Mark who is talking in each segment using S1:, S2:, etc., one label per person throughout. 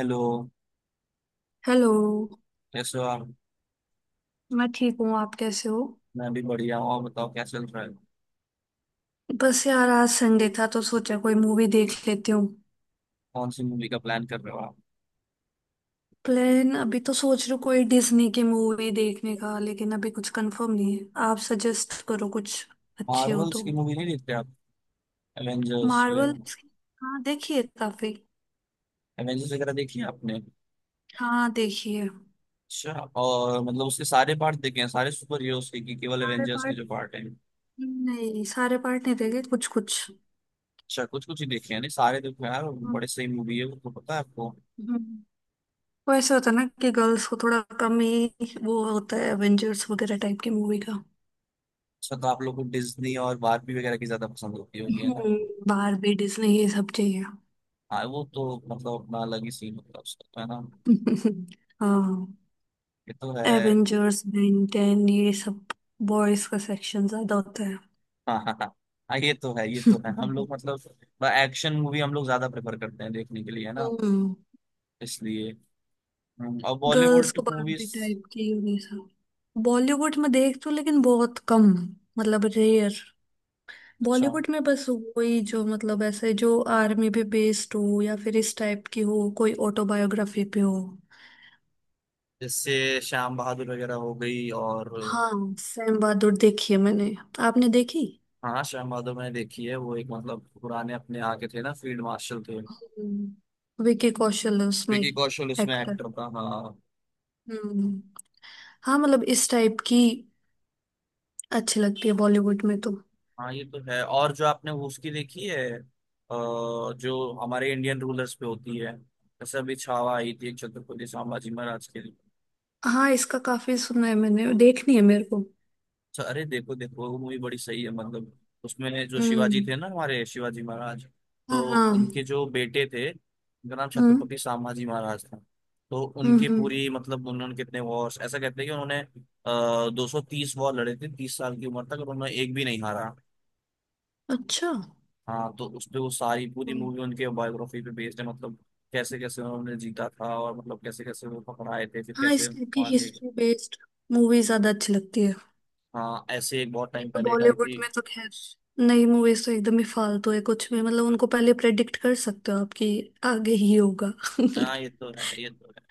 S1: Hello.
S2: Hello.
S1: कैसे हो आप।
S2: मैं ठीक हूँ, आप कैसे हो?
S1: मैं भी बढ़िया हूँ, आप बताओ क्या चल रहा है।
S2: बस यार, आज संडे था तो सोचा कोई मूवी देख लेती हूँ।
S1: कौन सी मूवी का प्लान कर रहे हो आप।
S2: प्लान अभी तो सोच रही हूँ कोई डिज्नी की मूवी देखने का, लेकिन अभी कुछ कंफर्म नहीं है। आप सजेस्ट करो कुछ अच्छी हो
S1: मार्वल्स
S2: तो।
S1: की मूवी नहीं देखते आप? एवेंजर्स।
S2: मार्वल। हाँ, देखिए काफी।
S1: एवेंजर्स वगैरह देखी है आपने?
S2: हाँ, देखिए।
S1: अच्छा। और मतलब उसके सारे पार्ट देखे हैं सारे सुपर हीरोज के कि केवल
S2: सारे
S1: एवेंजर्स के
S2: पार्ट
S1: जो पार्ट हैं।
S2: नहीं, सारे पार्ट नहीं देखे, कुछ कुछ।
S1: अच्छा कुछ कुछ ही देखे हैं? नहीं सारे देखो यार,
S2: हम्म।
S1: बड़े सही मूवी है वो, तो पता है आपको।
S2: हम्म। वो ऐसे होता है ना कि गर्ल्स को थोड़ा कम ही वो होता है एवेंजर्स वगैरह टाइप की मूवी का।
S1: अच्छा तो आप लोग को डिज्नी और बारबी वगैरह की ज्यादा पसंद होती होगी, है ना।
S2: हम्म। बारबी डिज्नी ये सब चाहिए।
S1: हाँ वो तो मतलब अपना अलग ही सीन होता है उसका, तो है ना।
S2: हाँ।
S1: ये तो है।
S2: एवेंजर्स, बेन टेन ये सब बॉयज का सेक्शन ज्यादा होता है।
S1: हाँ हाँ हाँ। हाँ, ये तो है ये तो है, हम लोग मतलब एक्शन मूवी हम लोग ज्यादा प्रेफर करते हैं देखने के लिए, है ना।
S2: हम्म।
S1: इसलिए। और
S2: गर्ल्स को
S1: बॉलीवुड
S2: बारबी
S1: मूवीज।
S2: टाइप की ये सब। बॉलीवुड में देख तो लेकिन बहुत कम, मतलब रेयर।
S1: अच्छा।
S2: बॉलीवुड में बस वही जो मतलब ऐसे जो आर्मी पे बेस्ड हो या फिर इस टाइप की हो, कोई ऑटोबायोग्राफी पे हो।
S1: जैसे श्याम बहादुर वगैरह हो गई, और
S2: हाँ, सैम बहादुर देखी है मैंने। आपने देखी?
S1: हाँ श्याम बहादुर मैंने देखी है, वो एक मतलब पुराने अपने आके थे ना, फील्ड मार्शल थे।
S2: हम्म। विकी कौशल है उसमें।
S1: विकी कौशल उसमें
S2: एक्टर।
S1: एक्टर था, हाँ।
S2: हम्म। हाँ, मतलब इस टाइप की अच्छी लगती है बॉलीवुड में तो।
S1: हाँ ये तो है। और जो आपने वो उसकी देखी है जो हमारे इंडियन रूलर्स पे होती है, जैसे अभी छावा आई थी एक, छत्रपति संभाजी महाराज के लिए।
S2: हाँ, इसका काफी सुना है मैंने, देखनी है मेरे को।
S1: अच्छा अरे देखो देखो वो मूवी बड़ी सही है मतलब, उसमें जो शिवाजी
S2: हम्म।
S1: थे ना, हमारे शिवाजी महाराज, तो
S2: हाँ, हाँ।
S1: उनके जो बेटे थे उनका नाम
S2: हम्म,
S1: छत्रपति संभाजी महाराज था। तो
S2: हम्म,
S1: उनकी पूरी मतलब उन्होंने कितने वॉर्स, ऐसा कहते हैं कि उन्होंने 230 वॉर लड़े थे 30 साल की उम्र तक, और उन्होंने एक भी नहीं हारा।
S2: अच्छा।
S1: हाँ तो उस पे वो सारी पूरी
S2: हम्म।
S1: मूवी उनके बायोग्राफी पे बेस्ड है मतलब, कैसे कैसे उन्होंने जीता था, और मतलब कैसे कैसे वो पकड़ाए थे फिर
S2: हाँ,
S1: कैसे
S2: इस टाइप की
S1: मार दिए गए।
S2: हिस्ट्री बेस्ड मूवी ज्यादा अच्छी लगती है।
S1: हाँ ऐसे एक बहुत
S2: नहीं
S1: टाइम
S2: तो
S1: पहले एक आई
S2: बॉलीवुड
S1: थी।
S2: में तो खैर नई मूवीज तो एकदम ही फालतू है, कुछ भी मतलब उनको पहले प्रेडिक्ट कर सकते हो आपकी आगे ही होगा।
S1: हाँ ये तो है ये तो है।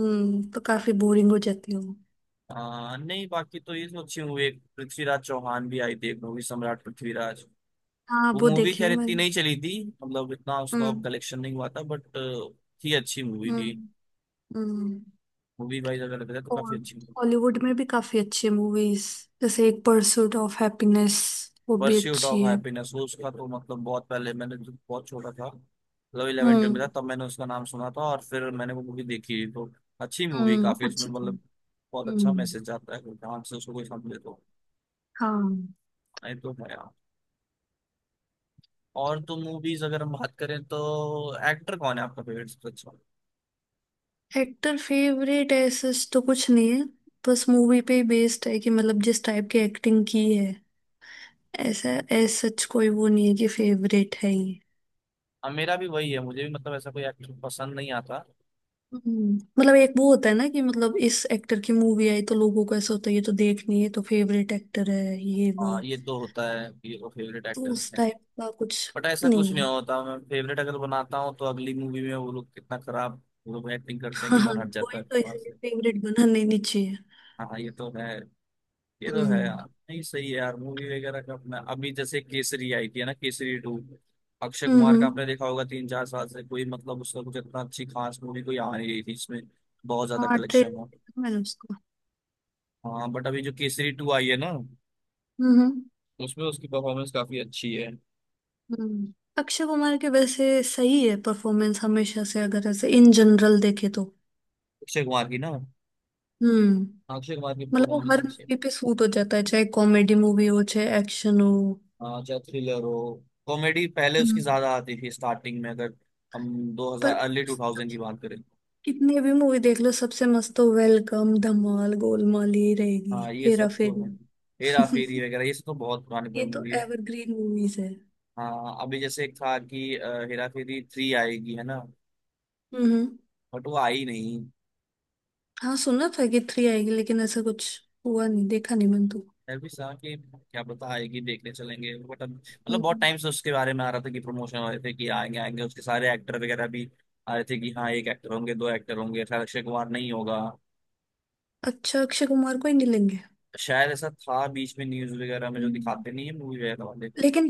S2: हम्म, तो काफी बोरिंग हो जाती है।
S1: हाँ नहीं बाकी तो ये सोची हुई, एक पृथ्वीराज चौहान भी आई थी एक मूवी, सम्राट पृथ्वीराज।
S2: हाँ,
S1: वो
S2: वो
S1: मूवी
S2: देखे हैं
S1: खैर इतनी
S2: मैंने।
S1: नहीं चली थी, मतलब इतना उसका
S2: हम्म,
S1: कलेक्शन नहीं हुआ था बट थी, अच्छी मूवी थी।
S2: हम्म, हम्म।
S1: मूवी वाइज अगर देखा जाए तो काफी
S2: और
S1: अच्छी।
S2: हॉलीवुड में भी काफी अच्छी मूवीज जैसे एक परसूट ऑफ हैप्पीनेस, वो भी
S1: परस्यूट ऑफ
S2: अच्छी है।
S1: हैप्पीनेस, वो उसका तो मतलब बहुत पहले मैंने जब बहुत छोटा था, मतलब इलेवन ट्वेल्व में था
S2: हम्म।
S1: तब मैंने उसका नाम सुना था, और फिर मैंने वो मूवी देखी तो अच्छी मूवी, काफी
S2: हम्म,
S1: उसमें
S2: अच्छी थी।
S1: मतलब बहुत अच्छा
S2: हम्म।
S1: मैसेज आता है, ध्यान से उसको कोई समझे तो।
S2: हाँ।
S1: नहीं तो है। और तो मूवीज अगर हम बात करें तो, एक्टर कौन है आपका फेवरेट सबसे अच्छा?
S2: एक्टर फेवरेट ऐसा तो कुछ नहीं है, बस मूवी पे ही बेस्ड है कि मतलब जिस टाइप की एक्टिंग की है। ऐसा ऐसा सच कोई वो नहीं है कि फेवरेट है ये।
S1: हाँ, मेरा भी वही है, मुझे भी मतलब ऐसा कोई एक्टर पसंद नहीं आता।
S2: मतलब एक वो होता है ना कि मतलब इस एक्टर की मूवी आई तो लोगों को ऐसा होता है ये तो देखनी है ये तो फेवरेट एक्टर है ये वो,
S1: हाँ ये तो होता है कि वो फेवरेट
S2: तो
S1: एक्टर
S2: उस
S1: है,
S2: टाइप का कुछ
S1: बट ऐसा कुछ
S2: नहीं
S1: नहीं
S2: है।
S1: होता। मैं फेवरेट अगर बनाता हूँ तो अगली मूवी में वो लोग कितना खराब, वो लोग एक्टिंग करते हैं कि
S2: हाँ,
S1: मन हट
S2: कोई
S1: जाता है
S2: तो
S1: वहां
S2: इसलिए
S1: से।
S2: फेवरेट बनाना ही नहीं चाहिए।
S1: हाँ ये तो है यार।
S2: हम्म,
S1: नहीं सही है यार, मूवी वगैरह का अपना अभी जैसे केसरी आई थी है ना, केसरी टू। अक्षय
S2: हम्म,
S1: कुमार का आपने देखा होगा, तीन चार साल से कोई मतलब उसका कुछ इतना अच्छी खास मूवी कोई आ नहीं रही थी, इसमें बहुत ज्यादा
S2: हाँ, ट्रेलर
S1: कलेक्शन हो।
S2: देखा मैंने उसको।
S1: हाँ बट अभी जो केसरी टू आई है ना,
S2: हम्म, हम्म,
S1: उसमें उसकी परफॉर्मेंस काफी अच्छी है।
S2: अक्षय कुमार के वैसे सही है परफॉर्मेंस हमेशा से, अगर ऐसे इन जनरल देखे तो।
S1: अक्षय कुमार की ना हाँ,
S2: हम्म,
S1: अक्षय कुमार की
S2: मतलब वो
S1: परफॉर्मेंस
S2: हर
S1: अच्छी है।
S2: मूवी पे सूट हो जाता है चाहे कॉमेडी मूवी हो चाहे एक्शन हो।
S1: हाँ, चाहे थ्रिलर हो। कॉमेडी पहले उसकी
S2: हम्म।
S1: ज्यादा आती थी स्टार्टिंग में, अगर हम दो
S2: पर
S1: हजार अर्ली टू थाउजेंड की बात करें।
S2: कितनी भी मूवी देख लो सबसे मस्त तो वेलकम, धमाल, गोलमाल ही रहेगी।
S1: हाँ ये
S2: हेरा
S1: सब तो
S2: फेरी।
S1: है। हेरा फेरी वगैरह ये सब तो बहुत पुरानी
S2: ये
S1: पुरानी
S2: तो
S1: मूवी है।
S2: एवरग्रीन मूवीज है।
S1: हाँ अभी जैसे एक था कि हेरा फेरी थ्री आएगी, है ना।
S2: हम्म।
S1: बट वो आई नहीं।
S2: हाँ, सुना था कि 3 आएगी लेकिन ऐसा कुछ हुआ नहीं, देखा नहीं मैंने तो।
S1: मैं भी सोचा कि क्या पता आएगी देखने चलेंगे, बट अब मतलब बहुत
S2: हम्म।
S1: टाइम से उसके बारे में आ रहा था कि प्रमोशन हो रहे थे कि आएंगे आएंगे उसके सारे एक्टर वगैरह भी आ रहे थे, कि हाँ एक एक्टर होंगे दो एक्टर होंगे, शायद अक्षय कुमार नहीं होगा।
S2: अच्छा, अक्षय कुमार को ही नहीं लेंगे?
S1: शायद ऐसा था बीच में, न्यूज वगैरह में जो
S2: हम्म।
S1: दिखाते नहीं है मूवी वगैरह वाले।
S2: लेकिन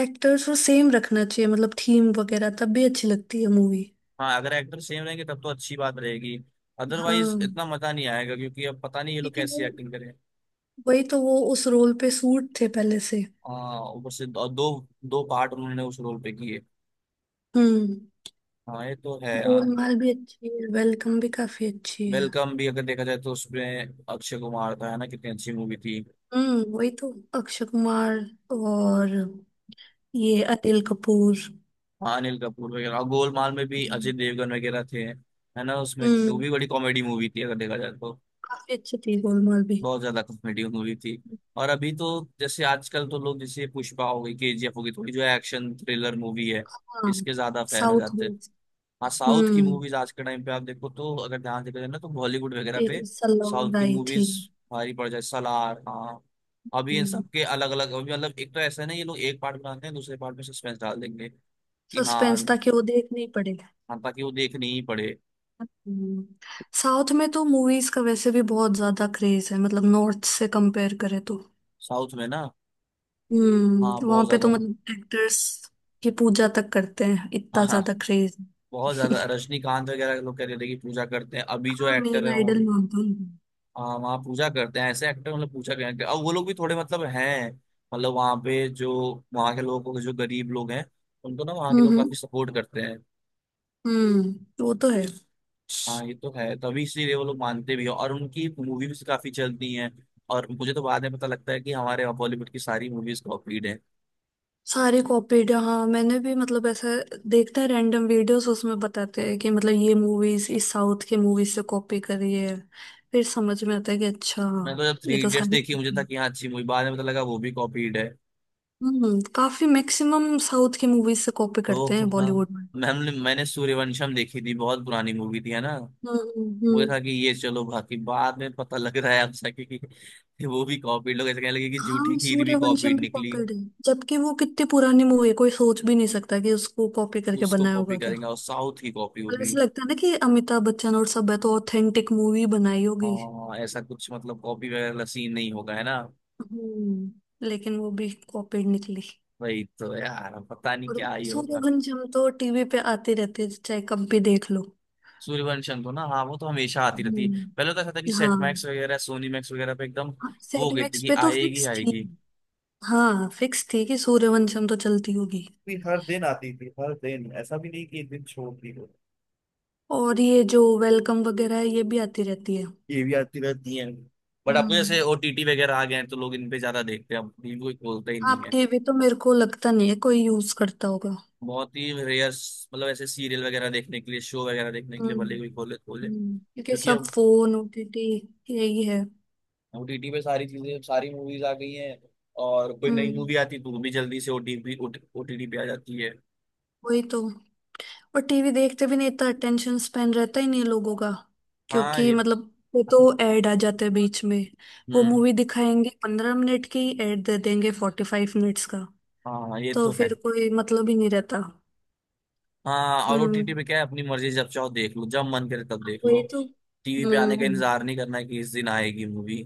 S2: एक्टर्स को सेम रखना चाहिए, मतलब थीम वगैरह तब भी अच्छी लगती है मूवी।
S1: हाँ अगर एक्टर सेम रहेंगे तब तो अच्छी बात रहेगी, अदरवाइज
S2: हाँ,
S1: इतना मजा नहीं आएगा क्योंकि अब पता नहीं ये लोग
S2: क्योंकि
S1: कैसी
S2: वो
S1: एक्टिंग करें।
S2: वही तो वो उस रोल पे सूट थे पहले से।
S1: हाँ ऊपर से दो दो, दो पार्ट उन्होंने उस रोल पे किए।
S2: हम्म।
S1: हाँ ये तो है यार।
S2: गोलमाल भी अच्छी है, वेलकम भी काफी अच्छी है।
S1: वेलकम भी अगर देखा जाए तो उसमें अक्षय कुमार था, है ना, कितनी अच्छी मूवी थी।
S2: हम्म, वही तो। अक्षय कुमार और ये अनिल कपूर।
S1: हाँ अनिल कपूर वगैरह, और गोलमाल में भी अजय
S2: हम्म।
S1: देवगन वगैरह थे, है ना उसमें, वो
S2: हम्म,
S1: भी बड़ी कॉमेडी मूवी थी अगर देखा जाए तो।
S2: काफी अच्छी थी गोलमाल भी।
S1: बहुत ज्यादा कॉमेडी मूवी थी। और अभी तो जैसे आजकल तो लोग जैसे पुष्पा हो गई, केजीएफ हो गई, थोड़ी जो एक्शन थ्रिलर मूवी है
S2: हाँ,
S1: इसके ज्यादा फैन हो
S2: साउथ
S1: जाते
S2: में।
S1: हैं। हाँ साउथ की
S2: हम्म।
S1: मूवीज आज के टाइम पे आप देखो तो, अगर ध्यान देखा जाए ना तो बॉलीवुड वगैरह
S2: एक
S1: पे
S2: सलाउंड
S1: साउथ की
S2: आई थी।
S1: मूवीज भारी पड़ जाए। सलार हाँ। अभी इन
S2: हम्म।
S1: सब के अलग अलग, अभी मतलब एक तो ऐसा है ना, ये लोग एक पार्ट बनाते हैं दूसरे पार्ट में सस्पेंस डाल देंगे कि हाँ।
S2: सस्पेंस था कि वो देखनी पड़ेगा।
S1: हाँ ताकि वो देखनी ही पड़े।
S2: हम्म। साउथ में तो मूवीज का वैसे भी बहुत ज्यादा क्रेज है, मतलब नॉर्थ से कंपेयर करें तो।
S1: साउथ में ना हाँ
S2: हम्म, वहां
S1: बहुत
S2: पे
S1: ज्यादा।
S2: तो मतलब एक्टर्स की पूजा तक करते हैं,
S1: हाँ
S2: इतना
S1: हाँ
S2: ज्यादा क्रेज।
S1: बहुत ज्यादा, रजनीकांत वगैरह, लोग कह रहे थे कि पूजा करते हैं अभी जो एक्टर
S2: मेन
S1: है।
S2: आइडल मानता
S1: वहाँ पूजा करते हैं ऐसे एक्टर, मतलब पूजा करेंगे, अब वो लोग भी थोड़े मतलब हैं। मतलब वहाँ पे जो, वहाँ के लोगों को, जो गरीब लोग हैं उनको ना वहाँ के लोग काफी
S2: हूँ।
S1: सपोर्ट करते हैं।
S2: हम्म। वो तो है।
S1: हाँ ये तो है, तभी इसीलिए वो लोग मानते भी हैं, और उनकी मूवी भी काफी चलती हैं। और मुझे तो बाद में पता लगता है कि हमारे बॉलीवुड की सारी मूवीज कॉपीड है।
S2: सारी कॉपीड? हाँ, मैंने भी मतलब ऐसा देखते हैं रैंडम वीडियोस, उसमें बताते हैं कि मतलब ये मूवीज इस साउथ के मूवीज से कॉपी करी है। फिर समझ में आता है कि अच्छा।
S1: मैं तो जब
S2: ये
S1: थ्री
S2: तो
S1: इडियट्स
S2: सारी
S1: देखी मुझे
S2: copy
S1: था
S2: है।
S1: कि हाँ अच्छी मूवी, बाद में पता लगा वो भी कॉपीड है।
S2: हम्म, काफी मैक्सिमम साउथ की मूवीज से कॉपी
S1: तो
S2: करते हैं
S1: हाँ
S2: बॉलीवुड में।
S1: मैंने मैंने सूर्यवंशम देखी थी, बहुत पुरानी मूवी थी, है ना।
S2: हम्म, हम्म,
S1: मुझे था कि ये चलो बाकी, बाद में पता लग रहा है अब सके कि वो भी कॉपीड, लोग ऐसे कहने लगे कि झूठी
S2: हाँ,
S1: खीर भी
S2: सूर्यवंशम
S1: कॉपीड
S2: भी
S1: निकली।
S2: कॉपीड है। जबकि वो कितनी पुरानी मूवी है, कोई सोच भी नहीं सकता कि उसको कॉपी करके
S1: उसको
S2: बनाया
S1: कॉपी
S2: होगा क्या।
S1: करेंगे, और साउथ की कॉपी वो
S2: मतलब
S1: भी।
S2: ऐसे लगता है ना कि अमिताभ बच्चन और सब है तो ऑथेंटिक मूवी बनाई होगी।
S1: हाँ ऐसा कुछ मतलब कॉपी वगैरह वाला सीन नहीं होगा, है ना।
S2: हम्म, लेकिन वो भी कॉपीड निकली।
S1: वही तो यार, अब पता नहीं
S2: और
S1: क्या ही होगा।
S2: सूर्यवंश हम तो टीवी पे आते रहते हैं, चाहे कब भी देख लो।
S1: सूर्यवंशम तो ना हाँ वो तो हमेशा आती रहती है,
S2: हम्म।
S1: पहले तो ऐसा था कि सेट
S2: हाँ,
S1: मैक्स वगैरह सोनी मैक्स वगैरह पे एकदम वो हो गई थी
S2: सेटमैक्स
S1: कि
S2: पे तो
S1: आएगी
S2: फिक्स थी।
S1: आएगी।
S2: हाँ, फिक्स थी कि सूर्यवंशम तो चलती होगी।
S1: भी हर दिन आती थी हर दिन, ऐसा भी नहीं कि एक दिन छोड़ दी हो।
S2: और ये जो वेलकम वगैरह है ये भी आती रहती है।
S1: ये भी आती रहती है, बट अब जैसे
S2: हम्म।
S1: ओटीटी वगैरह आ गए हैं तो लोग इन पे ज्यादा देखते हैं, अब भी कोई खोलता ही नहीं
S2: आप
S1: है।
S2: टीवी तो मेरे को लगता नहीं है कोई यूज करता होगा।
S1: बहुत ही रेयर, मतलब ऐसे सीरियल वगैरह देखने के लिए शो वगैरह देखने के लिए
S2: हम्म।
S1: भले कोई खोले खोले,
S2: हम्म, क्योंकि
S1: क्योंकि
S2: सब
S1: अब
S2: फोन ओटीटी यही है।
S1: ओटीटी पे सारी चीजें सारी मूवीज आ गई हैं। और कोई नई
S2: हम्म,
S1: मूवी आती तो वो भी जल्दी से ओटीपी ओटीटी पे आ जाती है।
S2: वही तो। और टीवी देखते भी नहीं, इतना अटेंशन स्पेन रहता ही नहीं है लोगों का,
S1: हाँ
S2: क्योंकि
S1: ये।
S2: मतलब वो तो ऐड आ जाते हैं बीच में। वो
S1: हम्म।
S2: मूवी दिखाएंगे 15 मिनट की, ऐड दे देंगे 45 मिनट्स का।
S1: हाँ ये
S2: तो
S1: तो है।
S2: फिर कोई मतलब ही नहीं रहता।
S1: हाँ और ओटीटी
S2: हम्म,
S1: पे क्या है, अपनी मर्जी जब चाहो देख लो, जब मन करे तब देख लो।
S2: वही तो।
S1: टीवी पे आने का
S2: हम्म,
S1: इंतजार नहीं करना है कि इस दिन आएगी मूवी।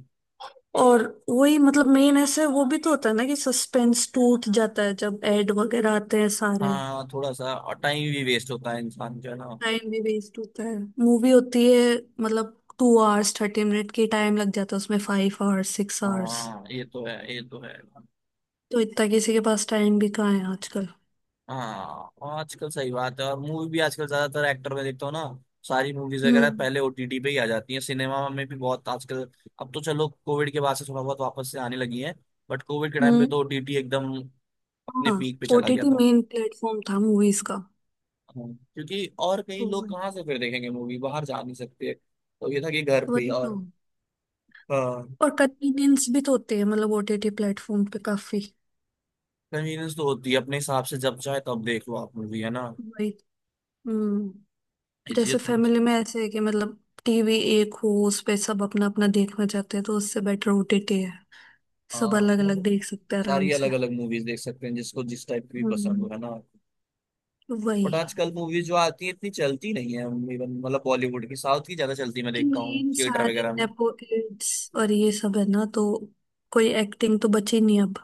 S2: और वही मतलब मेन ऐसे वो भी तो होता है ना कि सस्पेंस टूट जाता है जब ऐड वगैरह आते हैं सारे।
S1: हाँ थोड़ा सा और टाइम भी वेस्ट होता है इंसान का ना।
S2: टाइम भी वेस्ट होता है, मूवी होती है मतलब 2 आवर्स 30 मिनट की, टाइम लग जाता है उसमें 5 आवर्स 6 आवर्स।
S1: हाँ ये तो है ये तो है।
S2: तो इतना किसी के पास टाइम भी कहाँ है आजकल।
S1: हाँ और आजकल सही बात है, और मूवी भी आजकल ज्यादातर एक्टर में देखता हूँ ना, सारी मूवीज वगैरह
S2: हम्म।
S1: पहले ओटीटी पे ही आ जाती हैं, सिनेमा में भी बहुत आजकल। अब तो चलो कोविड के बाद से थोड़ा बहुत वापस से आने लगी है, बट कोविड के टाइम पे
S2: हम्म।
S1: तो ओटीटी एकदम अपने
S2: हाँ,
S1: पीक पे चला गया
S2: ओटीटी
S1: था।
S2: मेन प्लेटफॉर्म था मूवीज का।
S1: हाँ, क्योंकि और कहीं
S2: तो
S1: लोग कहाँ से फिर देखेंगे मूवी, बाहर जा नहीं सकते तो ये था कि घर पे ही।
S2: वही तो।
S1: और
S2: और कन्वीनियंस भी तो होते हैं, मतलब ओटीटी प्लेटफॉर्म पे काफी।
S1: कन्वीनियंस तो होती है अपने हिसाब से, जब चाहे तब देख लो आप मूवी, है ना।
S2: वही। हम्म,
S1: ये चीजें
S2: जैसे
S1: थोड़ी।
S2: फैमिली में ऐसे है कि मतलब टीवी एक हो उस पे सब अपना अपना देखना चाहते हैं, तो उससे बेटर ओटीटी है। सब
S1: हाँ
S2: अलग अलग देख सकते हैं आराम
S1: सारी
S2: से।
S1: अलग अलग मूवीज देख सकते हैं, जिसको जिस टाइप की भी पसंद हो,
S2: हम्म,
S1: है ना।
S2: वही।
S1: बट आजकल मूवीज जो आती है इतनी चलती नहीं है, इवन मतलब बॉलीवुड की, साउथ की ज्यादा चलती मैं
S2: कि
S1: देखता हूँ
S2: मेन
S1: थिएटर
S2: सारे
S1: वगैरह में।
S2: नेपो किड्स और ये सब है ना तो कोई एक्टिंग तो बची नहीं अब।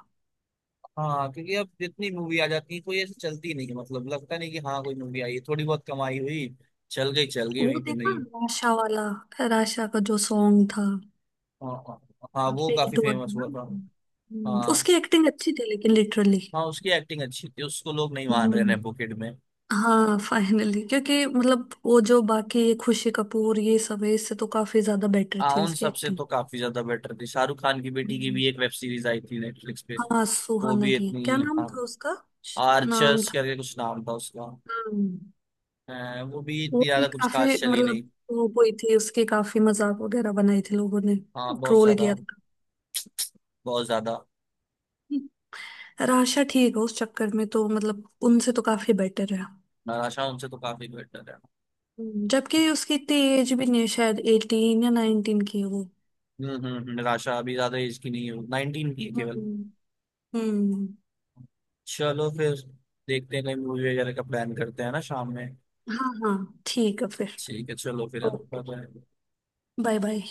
S1: हाँ क्योंकि अब जितनी मूवी आ जाती है कोई ऐसी चलती नहीं है, मतलब लगता नहीं कि हाँ कोई मूवी आई है थोड़ी बहुत कमाई हुई। चल गई
S2: वो
S1: वहीं पे
S2: देखा
S1: नहीं।
S2: राशा वाला? राशा का जो सॉन्ग था
S1: हाँ हाँ। हाँ, वो
S2: काफी
S1: काफी
S2: हिट हुआ था
S1: फेमस
S2: ना।
S1: हुआ था। हाँ।
S2: उसकी एक्टिंग अच्छी थी लेकिन लिटरली।
S1: हाँ उसकी एक्टिंग अच्छी थी, उसको लोग नहीं मान रहे
S2: हम्म।
S1: नेपोकिड में।
S2: हाँ, फाइनली क्योंकि मतलब वो जो बाकी ये खुशी कपूर ये सब है इससे तो काफी ज्यादा बेटर
S1: हाँ
S2: थी
S1: उन
S2: उसकी
S1: सबसे
S2: एक्टिंग।
S1: तो काफी ज्यादा बेटर थी, शाहरुख खान की बेटी की
S2: हम्म।
S1: भी एक वेब सीरीज आई थी नेटफ्लिक्स पे।
S2: हाँ,
S1: वो
S2: सुहाना
S1: भी
S2: की क्या
S1: इतनी
S2: नाम
S1: हाँ,
S2: था उसका? नाम
S1: आर्चर्स
S2: था।
S1: करके कुछ नाम था उसका।
S2: हम्म,
S1: वो भी
S2: वो
S1: इतनी
S2: भी
S1: ज्यादा कुछ
S2: काफी
S1: खास चली नहीं।
S2: मतलब वो हुई थी, उसके काफी मजाक वगैरह बनाए थे लोगों ने।
S1: हाँ बहुत
S2: ट्रोल
S1: ज्यादा।
S2: किया था।
S1: बहुत ज्यादा।
S2: यार आशा ठीक है, उस चक्कर में तो मतलब उनसे तो काफी बेटर है।
S1: निराशा उनसे तो काफी बेटर है।
S2: जबकि उसकी इतनी एज भी नहीं है, शायद 18 या 19 की है वो।
S1: निराशा अभी ज्यादा एज की नहीं है, 19 की है केवल।
S2: हम्म। हम्म।
S1: चलो फिर देखते हैं कहीं मूवी वगैरह का प्लान करते हैं ना शाम में।
S2: हाँ, हाँ ठीक है फिर।
S1: ठीक है चलो फिर है ना,
S2: okay.
S1: Bye bye.
S2: Bye bye.